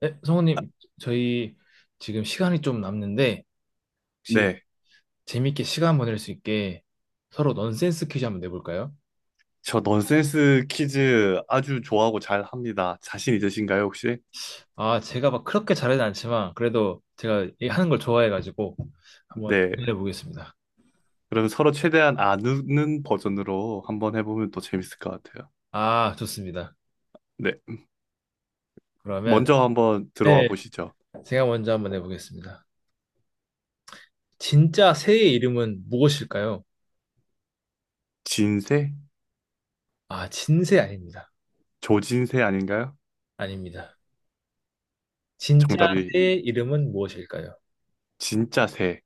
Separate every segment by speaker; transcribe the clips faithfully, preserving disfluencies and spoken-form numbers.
Speaker 1: 네, 성우님, 저희 지금 시간이 좀 남는데, 혹시
Speaker 2: 네.
Speaker 1: 재밌게 시간 보낼 수 있게 서로 넌센스 퀴즈 한번 내볼까요?
Speaker 2: 저 넌센스 퀴즈 아주 좋아하고 잘 합니다. 자신 있으신가요, 혹시?
Speaker 1: 아, 제가 막 그렇게 잘하진 않지만, 그래도 제가 이 하는 걸 좋아해가지고, 한번
Speaker 2: 네.
Speaker 1: 해보겠습니다.
Speaker 2: 그럼 서로 최대한 아는 버전으로 한번 해보면 또 재밌을 것 같아요.
Speaker 1: 아, 좋습니다.
Speaker 2: 네.
Speaker 1: 그러면,
Speaker 2: 먼저 한번 들어와
Speaker 1: 네,
Speaker 2: 보시죠.
Speaker 1: 제가 먼저 한번 해보겠습니다. 진짜 새의 이름은 무엇일까요?
Speaker 2: 진새?
Speaker 1: 아, 진새 아닙니다.
Speaker 2: 조진새 아닌가요?
Speaker 1: 아닙니다. 진짜
Speaker 2: 정답이
Speaker 1: 새의 이름은 무엇일까요?
Speaker 2: 진짜 새.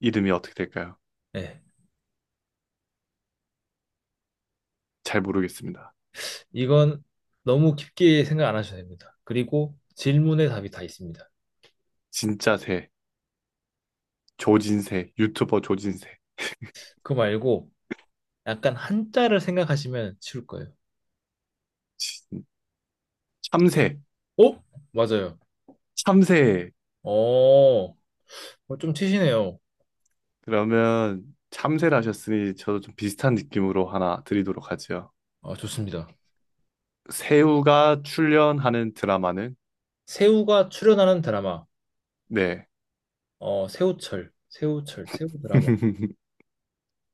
Speaker 2: 이름이 어떻게 될까요?
Speaker 1: 네.
Speaker 2: 잘 모르겠습니다.
Speaker 1: 이건 너무 깊게 생각 안 하셔도 됩니다. 그리고 질문에 답이 다 있습니다.
Speaker 2: 진짜 새. 조진새. 유튜버 조진새.
Speaker 1: 그거 말고 약간 한자를 생각하시면 쉬울 거예요.
Speaker 2: 진- 참새.
Speaker 1: 어? 맞아요.
Speaker 2: 참새.
Speaker 1: 어, 어, 좀 치시네요.
Speaker 2: 그러면 참새를 하셨으니 저도 좀 비슷한 느낌으로 하나 드리도록 하죠.
Speaker 1: 아, 좋습니다.
Speaker 2: 새우가 출연하는 드라마는?
Speaker 1: 새우가 출연하는 드라마.
Speaker 2: 네.
Speaker 1: 어, 새우철, 새우철, 새우 드라마.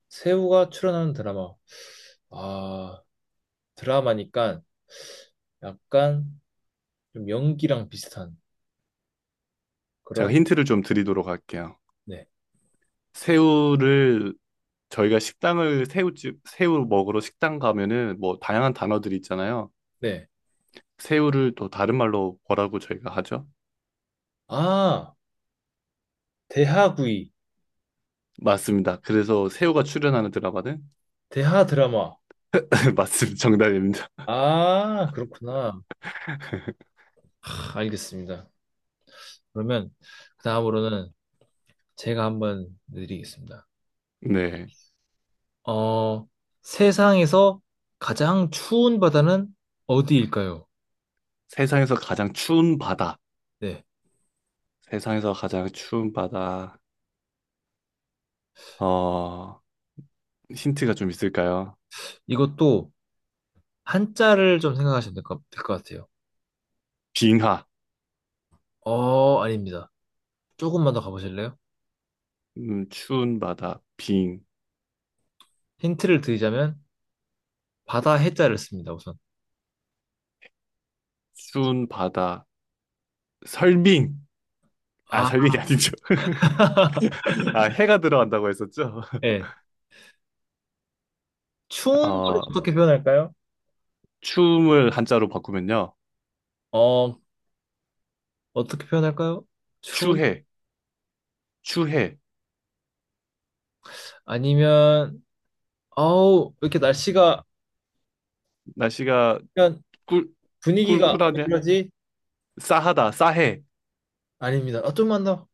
Speaker 1: 새우가 출연하는 드라마. 아, 드라마니까 약간 좀 연기랑 비슷한
Speaker 2: 제가
Speaker 1: 그런,
Speaker 2: 힌트를 좀 드리도록 할게요.
Speaker 1: 네,
Speaker 2: 새우를 저희가 식당을 새우집 새우 먹으러 식당 가면은 뭐 다양한 단어들이 있잖아요.
Speaker 1: 네.
Speaker 2: 새우를 또 다른 말로 뭐라고 저희가 하죠?
Speaker 1: 아, 대하구이,
Speaker 2: 맞습니다. 그래서 새우가 출연하는 드라마는
Speaker 1: 대하 드라마.
Speaker 2: 맞습니다. 정답입니다.
Speaker 1: 아, 그렇구나. 하, 알겠습니다. 그러면 그 다음으로는 제가 한번 드리겠습니다.
Speaker 2: 네.
Speaker 1: 어, 세상에서 가장 추운 바다는 어디일까요?
Speaker 2: 세상에서 가장 추운 바다.
Speaker 1: 네.
Speaker 2: 세상에서 가장 추운 바다. 어, 힌트가 좀 있을까요?
Speaker 1: 이것도 한자를 좀 생각하시면 될 것, 될것 같아요.
Speaker 2: 빙하.
Speaker 1: 어, 아닙니다. 조금만 더 가보실래요?
Speaker 2: 음, 추운 바다, 빙.
Speaker 1: 힌트를 드리자면 바다 해자를 씁니다, 우선.
Speaker 2: 추운 바다, 설빙. 아,
Speaker 1: 아,
Speaker 2: 설빙이 아니죠. 아, 해가 들어간다고 했었죠?
Speaker 1: 예. 추운 걸
Speaker 2: 어,
Speaker 1: 어떻게 표현할까요?
Speaker 2: 춤을 한자로 바꾸면요.
Speaker 1: 어, 어떻게 표현할까요? 추운?
Speaker 2: 추해, 추해.
Speaker 1: 아니면 어우, 왜 이렇게 날씨가
Speaker 2: 날씨가
Speaker 1: 그냥
Speaker 2: 꿀,
Speaker 1: 분위기가 왜
Speaker 2: 꿀꿀하냐?
Speaker 1: 이러지?
Speaker 2: 싸하다, 싸해.
Speaker 1: 아닙니다. 아, 좀만 더.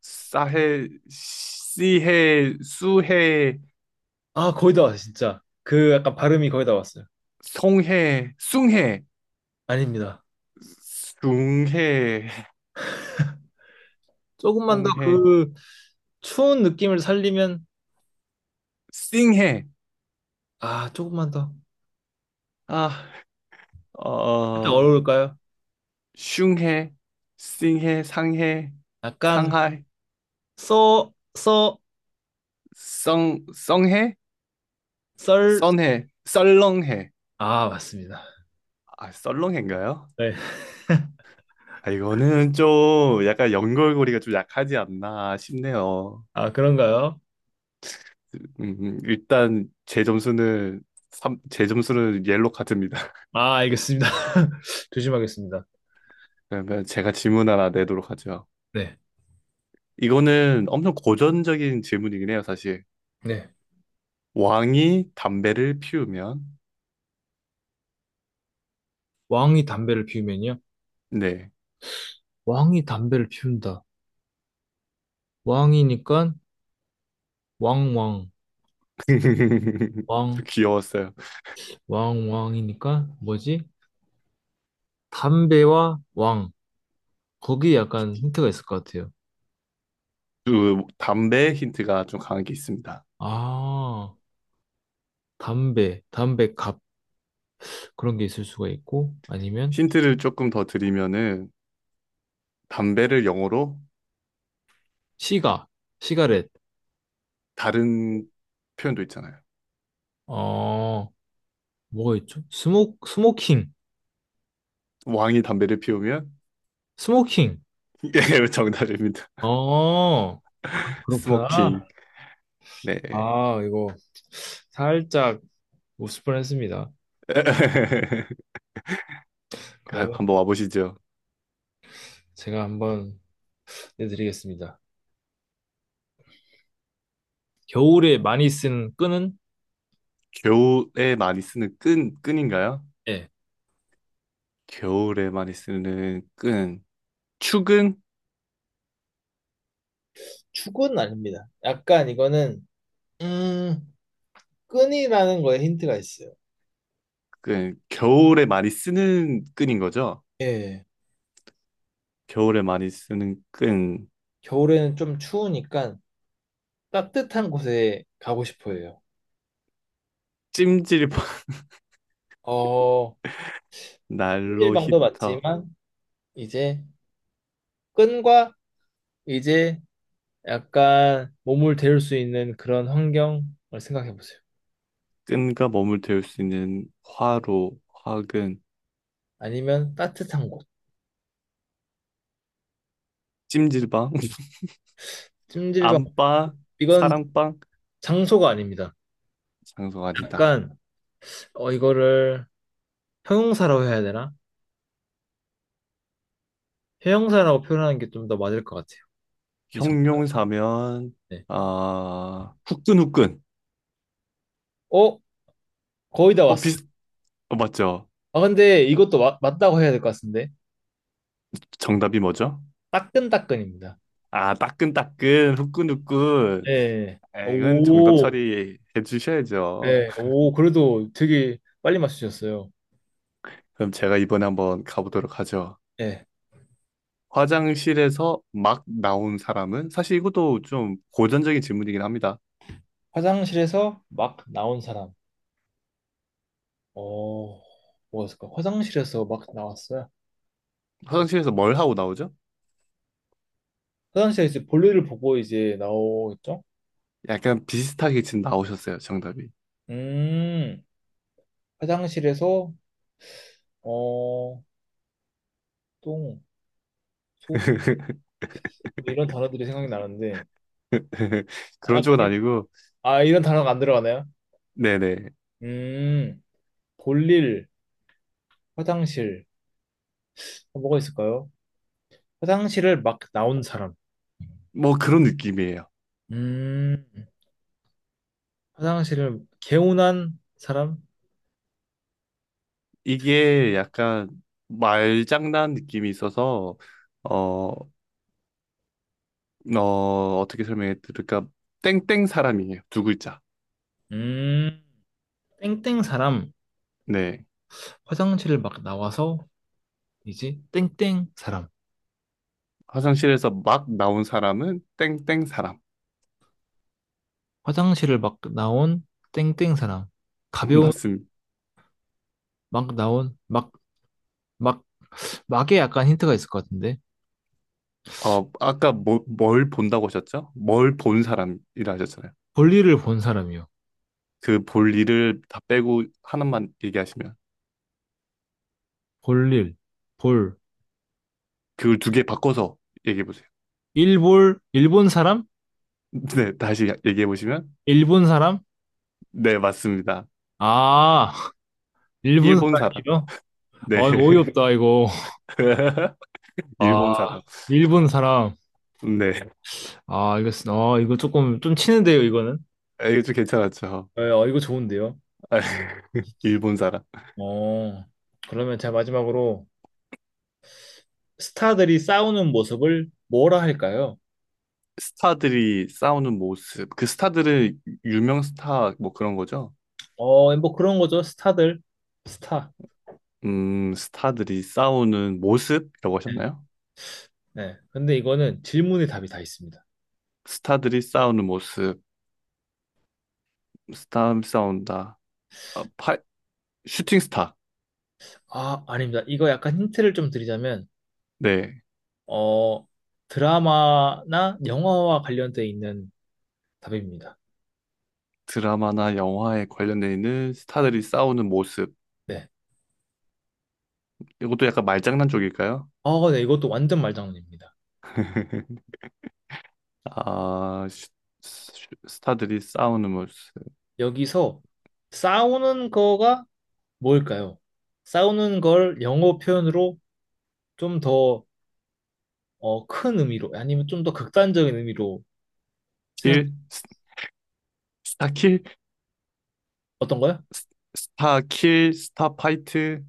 Speaker 2: 싸해, 씨해, 수해,
Speaker 1: 아, 거의 다 왔어요, 진짜. 그 약간 발음이 거의 다 왔어요.
Speaker 2: 송해, 숭해,
Speaker 1: 아닙니다.
Speaker 2: 숭해,
Speaker 1: 조금만 더
Speaker 2: 송해,
Speaker 1: 그 추운 느낌을 살리면
Speaker 2: 씽해.
Speaker 1: 아, 조금만 더.
Speaker 2: 아,
Speaker 1: 그렇게
Speaker 2: 어,
Speaker 1: 어려울까요?
Speaker 2: 슝해, 싱해, 상해,
Speaker 1: 약간
Speaker 2: 상하이,
Speaker 1: 써, 써,
Speaker 2: 성, 성해,
Speaker 1: 썰.
Speaker 2: 선해, 썰렁해.
Speaker 1: 아, 맞습니다.
Speaker 2: 아, 썰렁해인가요?
Speaker 1: 네.
Speaker 2: 아, 이거는 좀 약간 연결고리가 좀 약하지 않나 싶네요.
Speaker 1: 아, 그런가요?
Speaker 2: 음, 음, 일단 제 점수는 삼제 점수는 옐로 카드입니다.
Speaker 1: 아, 알겠습니다. 조심하겠습니다.
Speaker 2: 그러면 제가 질문 하나 내도록 하죠.
Speaker 1: 네.
Speaker 2: 이거는 엄청 고전적인 질문이긴 해요, 사실.
Speaker 1: 네.
Speaker 2: 왕이 담배를 피우면
Speaker 1: 왕이 담배를 피우면요.
Speaker 2: 네.
Speaker 1: 왕이 담배를 피운다. 왕이니까 왕왕
Speaker 2: 저
Speaker 1: 왕.
Speaker 2: 귀여웠어요.
Speaker 1: 왕왕이니까 뭐지? 담배와 왕. 거기에 약간 힌트가 있을 것 같아요.
Speaker 2: 그 담배 힌트가 좀 강하게 있습니다.
Speaker 1: 아, 담배, 담배갑 그런 게 있을 수가 있고 아니면
Speaker 2: 힌트를 조금 더 드리면은 담배를 영어로
Speaker 1: 시가, 시가렛.
Speaker 2: 다른 표현도 있잖아요.
Speaker 1: 어, 뭐가 있죠? 스모 스모킹,
Speaker 2: 왕이 담배를 피우면
Speaker 1: 스모킹.
Speaker 2: 예, 정답입니다.
Speaker 1: 어, 그렇구나.
Speaker 2: 스모킹. 네.
Speaker 1: 아, 이거 살짝 웃을 뻔했습니다. 그러면
Speaker 2: 한번 와보시죠.
Speaker 1: 제가 한번 내드리겠습니다. 겨울에 많이 쓴 끈은?
Speaker 2: 겨울에 많이 쓰는 끈, 끈인가요?
Speaker 1: 예.
Speaker 2: 겨울에 많이 쓰는 끈. 축은
Speaker 1: 축은 아닙니다. 약간 이거는 음, 끈이라는 거에 힌트가 있어요.
Speaker 2: 끈. 겨울에 많이 쓰는 끈인 거죠?
Speaker 1: 예.
Speaker 2: 겨울에 많이 쓰는 끈.
Speaker 1: 겨울에는 좀 추우니까 따뜻한 곳에 가고 싶어 해요.
Speaker 2: 찜질방,
Speaker 1: 어,
Speaker 2: 난로
Speaker 1: 손질방도
Speaker 2: 히터.
Speaker 1: 맞지만, 이제 끈과 이제 약간 몸을 데울 수 있는 그런 환경을 생각해 보세요.
Speaker 2: 끈과 몸을 데울 수 있는 화로, 화근,
Speaker 1: 아니면 따뜻한 곳.
Speaker 2: 찜질방,
Speaker 1: 찜질방.
Speaker 2: 안방,
Speaker 1: 이건
Speaker 2: 사랑방,
Speaker 1: 장소가 아닙니다.
Speaker 2: 장소가 아니다.
Speaker 1: 약간, 어, 이거를 형용사라고 해야 되나? 형용사라고 표현하는 게 좀 더 맞을 것 같아요. 이 정답.
Speaker 2: 형용사면
Speaker 1: 네.
Speaker 2: 아 후끈후끈.
Speaker 1: 어? 거의 다
Speaker 2: 어
Speaker 1: 왔어.
Speaker 2: 비슷 어 맞죠?
Speaker 1: 아, 근데 이것도 맞, 맞다고 해야 될 것 같은데.
Speaker 2: 정답이 뭐죠?
Speaker 1: 따끈따끈입니다.
Speaker 2: 아 따끈따끈 후끈후끈.
Speaker 1: 예.
Speaker 2: 아, 이건 정답
Speaker 1: 오,
Speaker 2: 처리해 주셔야죠.
Speaker 1: 네, 오, 그래도 되게 빨리 맞추셨어요.
Speaker 2: 그럼 제가 이번에 한번 가보도록 하죠.
Speaker 1: 예.
Speaker 2: 화장실에서 막 나온 사람은 사실 이것도 좀 고전적인 질문이긴 합니다.
Speaker 1: 화장실에서 막 나온 사람. 어, 뭐였을까? 화장실에서 막 나왔어요.
Speaker 2: 화장실에서 뭘 하고 나오죠?
Speaker 1: 화장실에서 이제 볼일을 보고 이제 나오겠죠?
Speaker 2: 약간 비슷하게 지금 나오셨어요, 정답이.
Speaker 1: 음, 화장실에서, 어, 똥, 소변, 뭐 이런 단어들이 생각이 나는데. 아,
Speaker 2: 그런 쪽은 아니고,
Speaker 1: 아, 이런 단어가 안 들어가나요?
Speaker 2: 네네.
Speaker 1: 음, 볼일, 화장실. 뭐가 있을까요? 화장실을 막 나온 사람.
Speaker 2: 뭐 그런 느낌이에요.
Speaker 1: 음, 화장실을 개운한 사람?
Speaker 2: 이게 약간 말장난 느낌이 있어서, 어, 어, 어떻게 설명해 드릴까? 땡땡 사람이에요. 두 글자.
Speaker 1: 음, 땡땡 사람.
Speaker 2: 네.
Speaker 1: 화장실을 막 나와서 이제 땡땡 사람.
Speaker 2: 화장실에서 막 나온 사람은 땡땡 사람.
Speaker 1: 화장실을 막 나온 땡땡 사람. 가벼운
Speaker 2: 맞습니다.
Speaker 1: 막 나온 막, 막, 막에 약간 힌트가 있을 것 같은데.
Speaker 2: 어, 아까 뭐, 뭘 본다고 하셨죠? 뭘 본 사람이라 하셨잖아요.
Speaker 1: 볼일을 본 사람이요.
Speaker 2: 그 볼 일을 다 빼고 하나만 얘기하시면.
Speaker 1: 볼일, 볼,
Speaker 2: 그걸 두 개 바꿔서 얘기해 보세요.
Speaker 1: 일볼, 일본 사람?
Speaker 2: 네, 다시 얘기해 보시면
Speaker 1: 일본 사람?
Speaker 2: 네, 맞습니다.
Speaker 1: 아, 일본
Speaker 2: 일본 사람.
Speaker 1: 사람이요?
Speaker 2: 네.
Speaker 1: 와, 이거 어이없다, 이거.
Speaker 2: 일본
Speaker 1: 아,
Speaker 2: 사람.
Speaker 1: 일본 사람.
Speaker 2: 네.
Speaker 1: 아, 이거, 쓰- 아, 이거 조금, 좀 치는데요, 이거는?
Speaker 2: 아, 이거 좀 괜찮았죠.
Speaker 1: 네, 어, 이거 좋은데요?
Speaker 2: 아, 일본 사람.
Speaker 1: 어, 그러면 제가 마지막으로 스타들이 싸우는 모습을 뭐라 할까요?
Speaker 2: 스타들이 싸우는 모습. 그 스타들은 유명 스타 뭐 그런 거죠?
Speaker 1: 어, 뭐 그런 거죠. 스타들. 스타.
Speaker 2: 음, 스타들이 싸우는 모습이라고
Speaker 1: 네.
Speaker 2: 하셨나요?
Speaker 1: 네. 근데 이거는 질문의 답이 다 있습니다.
Speaker 2: 스타들이 싸우는 모습. 스타 싸운다. 아, 파, 슈팅 스타.
Speaker 1: 아, 아닙니다. 이거 약간 힌트를 좀 드리자면,
Speaker 2: 네.
Speaker 1: 어, 드라마나 영화와 관련돼 있는 답입니다.
Speaker 2: 드라마나 영화에 관련돼 있는 스타들이 싸우는 모습.
Speaker 1: 네.
Speaker 2: 이것도 약간 말장난 쪽일까요?
Speaker 1: 어, 네. 이것도 완전 말장난입니다.
Speaker 2: 아, 슈- 슈- 스타들이 싸우는 모습.
Speaker 1: 여기서 싸우는 거가 뭘까요? 싸우는 걸 영어 표현으로 좀 더, 어, 큰 의미로, 아니면 좀 더 극단적인 의미로 생각,
Speaker 2: 킬, 스- 스타킬,
Speaker 1: 어떤 거요?
Speaker 2: 스타킬, 스타파이트,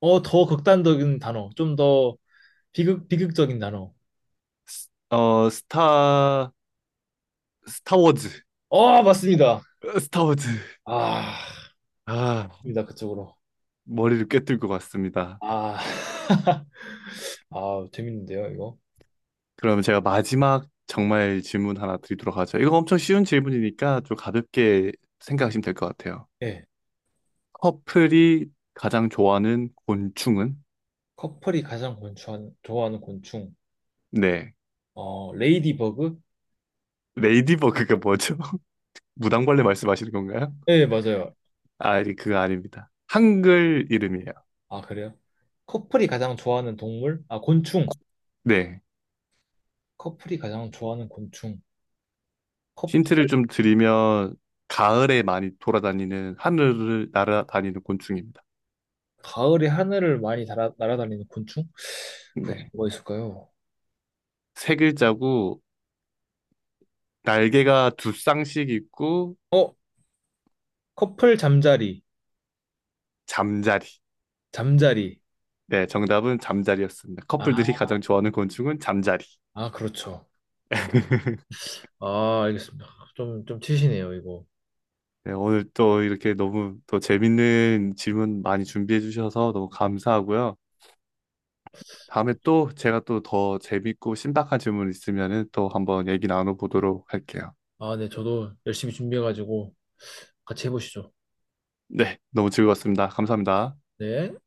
Speaker 1: 어, 더 극단적인 단어, 좀 더 비극, 비극적인 단어.
Speaker 2: 어, 스타, 스타워즈,
Speaker 1: 어, 맞습니다.
Speaker 2: 스타워즈.
Speaker 1: 아,
Speaker 2: 아,
Speaker 1: 맞습니다. 그쪽으로.
Speaker 2: 머리를 꿰뚫 것 같습니다.
Speaker 1: 아, 아, 재밌는데요, 이거?
Speaker 2: 그러면 제가 마지막 정말 질문 하나 드리도록 하죠. 이거 엄청 쉬운 질문이니까 좀 가볍게 생각하시면 될 것 같아요.
Speaker 1: 예.
Speaker 2: 커플이 가장 좋아하는 곤충은?
Speaker 1: 커플이 가장 곤충한- 좋아하는 곤충.
Speaker 2: 네.
Speaker 1: 어, 레이디버그?
Speaker 2: 레이디버그가 뭐죠? 무당벌레 말씀하시는 건가요?
Speaker 1: 예, 맞아요.
Speaker 2: 아, 아니, 그거 아닙니다. 한글 이름이에요.
Speaker 1: 아, 그래요? 커플이 가장 좋아하는 동물? 아, 곤충.
Speaker 2: 네.
Speaker 1: 커플이 가장 좋아하는 곤충.
Speaker 2: 힌트를
Speaker 1: 커플.
Speaker 2: 좀 드리면, 가을에 많이 돌아다니는, 하늘을 날아다니는 곤충입니다.
Speaker 1: 가을에 하늘을 많이 아 날아다니는 곤충? 그게
Speaker 2: 네.
Speaker 1: 뭐가 있을까요?
Speaker 2: 세 글자고, 날개가 두 쌍씩 있고,
Speaker 1: 어, 커플 잠자리,
Speaker 2: 잠자리.
Speaker 1: 잠자리.
Speaker 2: 네, 정답은 잠자리였습니다.
Speaker 1: 아,
Speaker 2: 커플들이 가장 좋아하는 곤충은 잠자리.
Speaker 1: 아, 그렇죠. 아, 알겠습니다. 좀, 좀 치시네요, 이거.
Speaker 2: 네, 오늘 또 이렇게 너무 또 재밌는 질문 많이 준비해 주셔서 너무 감사하고요. 다음에 또 제가 또 더 재밌고 신박한 질문 있으면은 또 한번 얘기 나눠보도록 할게요.
Speaker 1: 아, 네, 저도 열심히 준비해가지고 같이 해보시죠.
Speaker 2: 네, 너무 즐거웠습니다. 감사합니다.
Speaker 1: 네.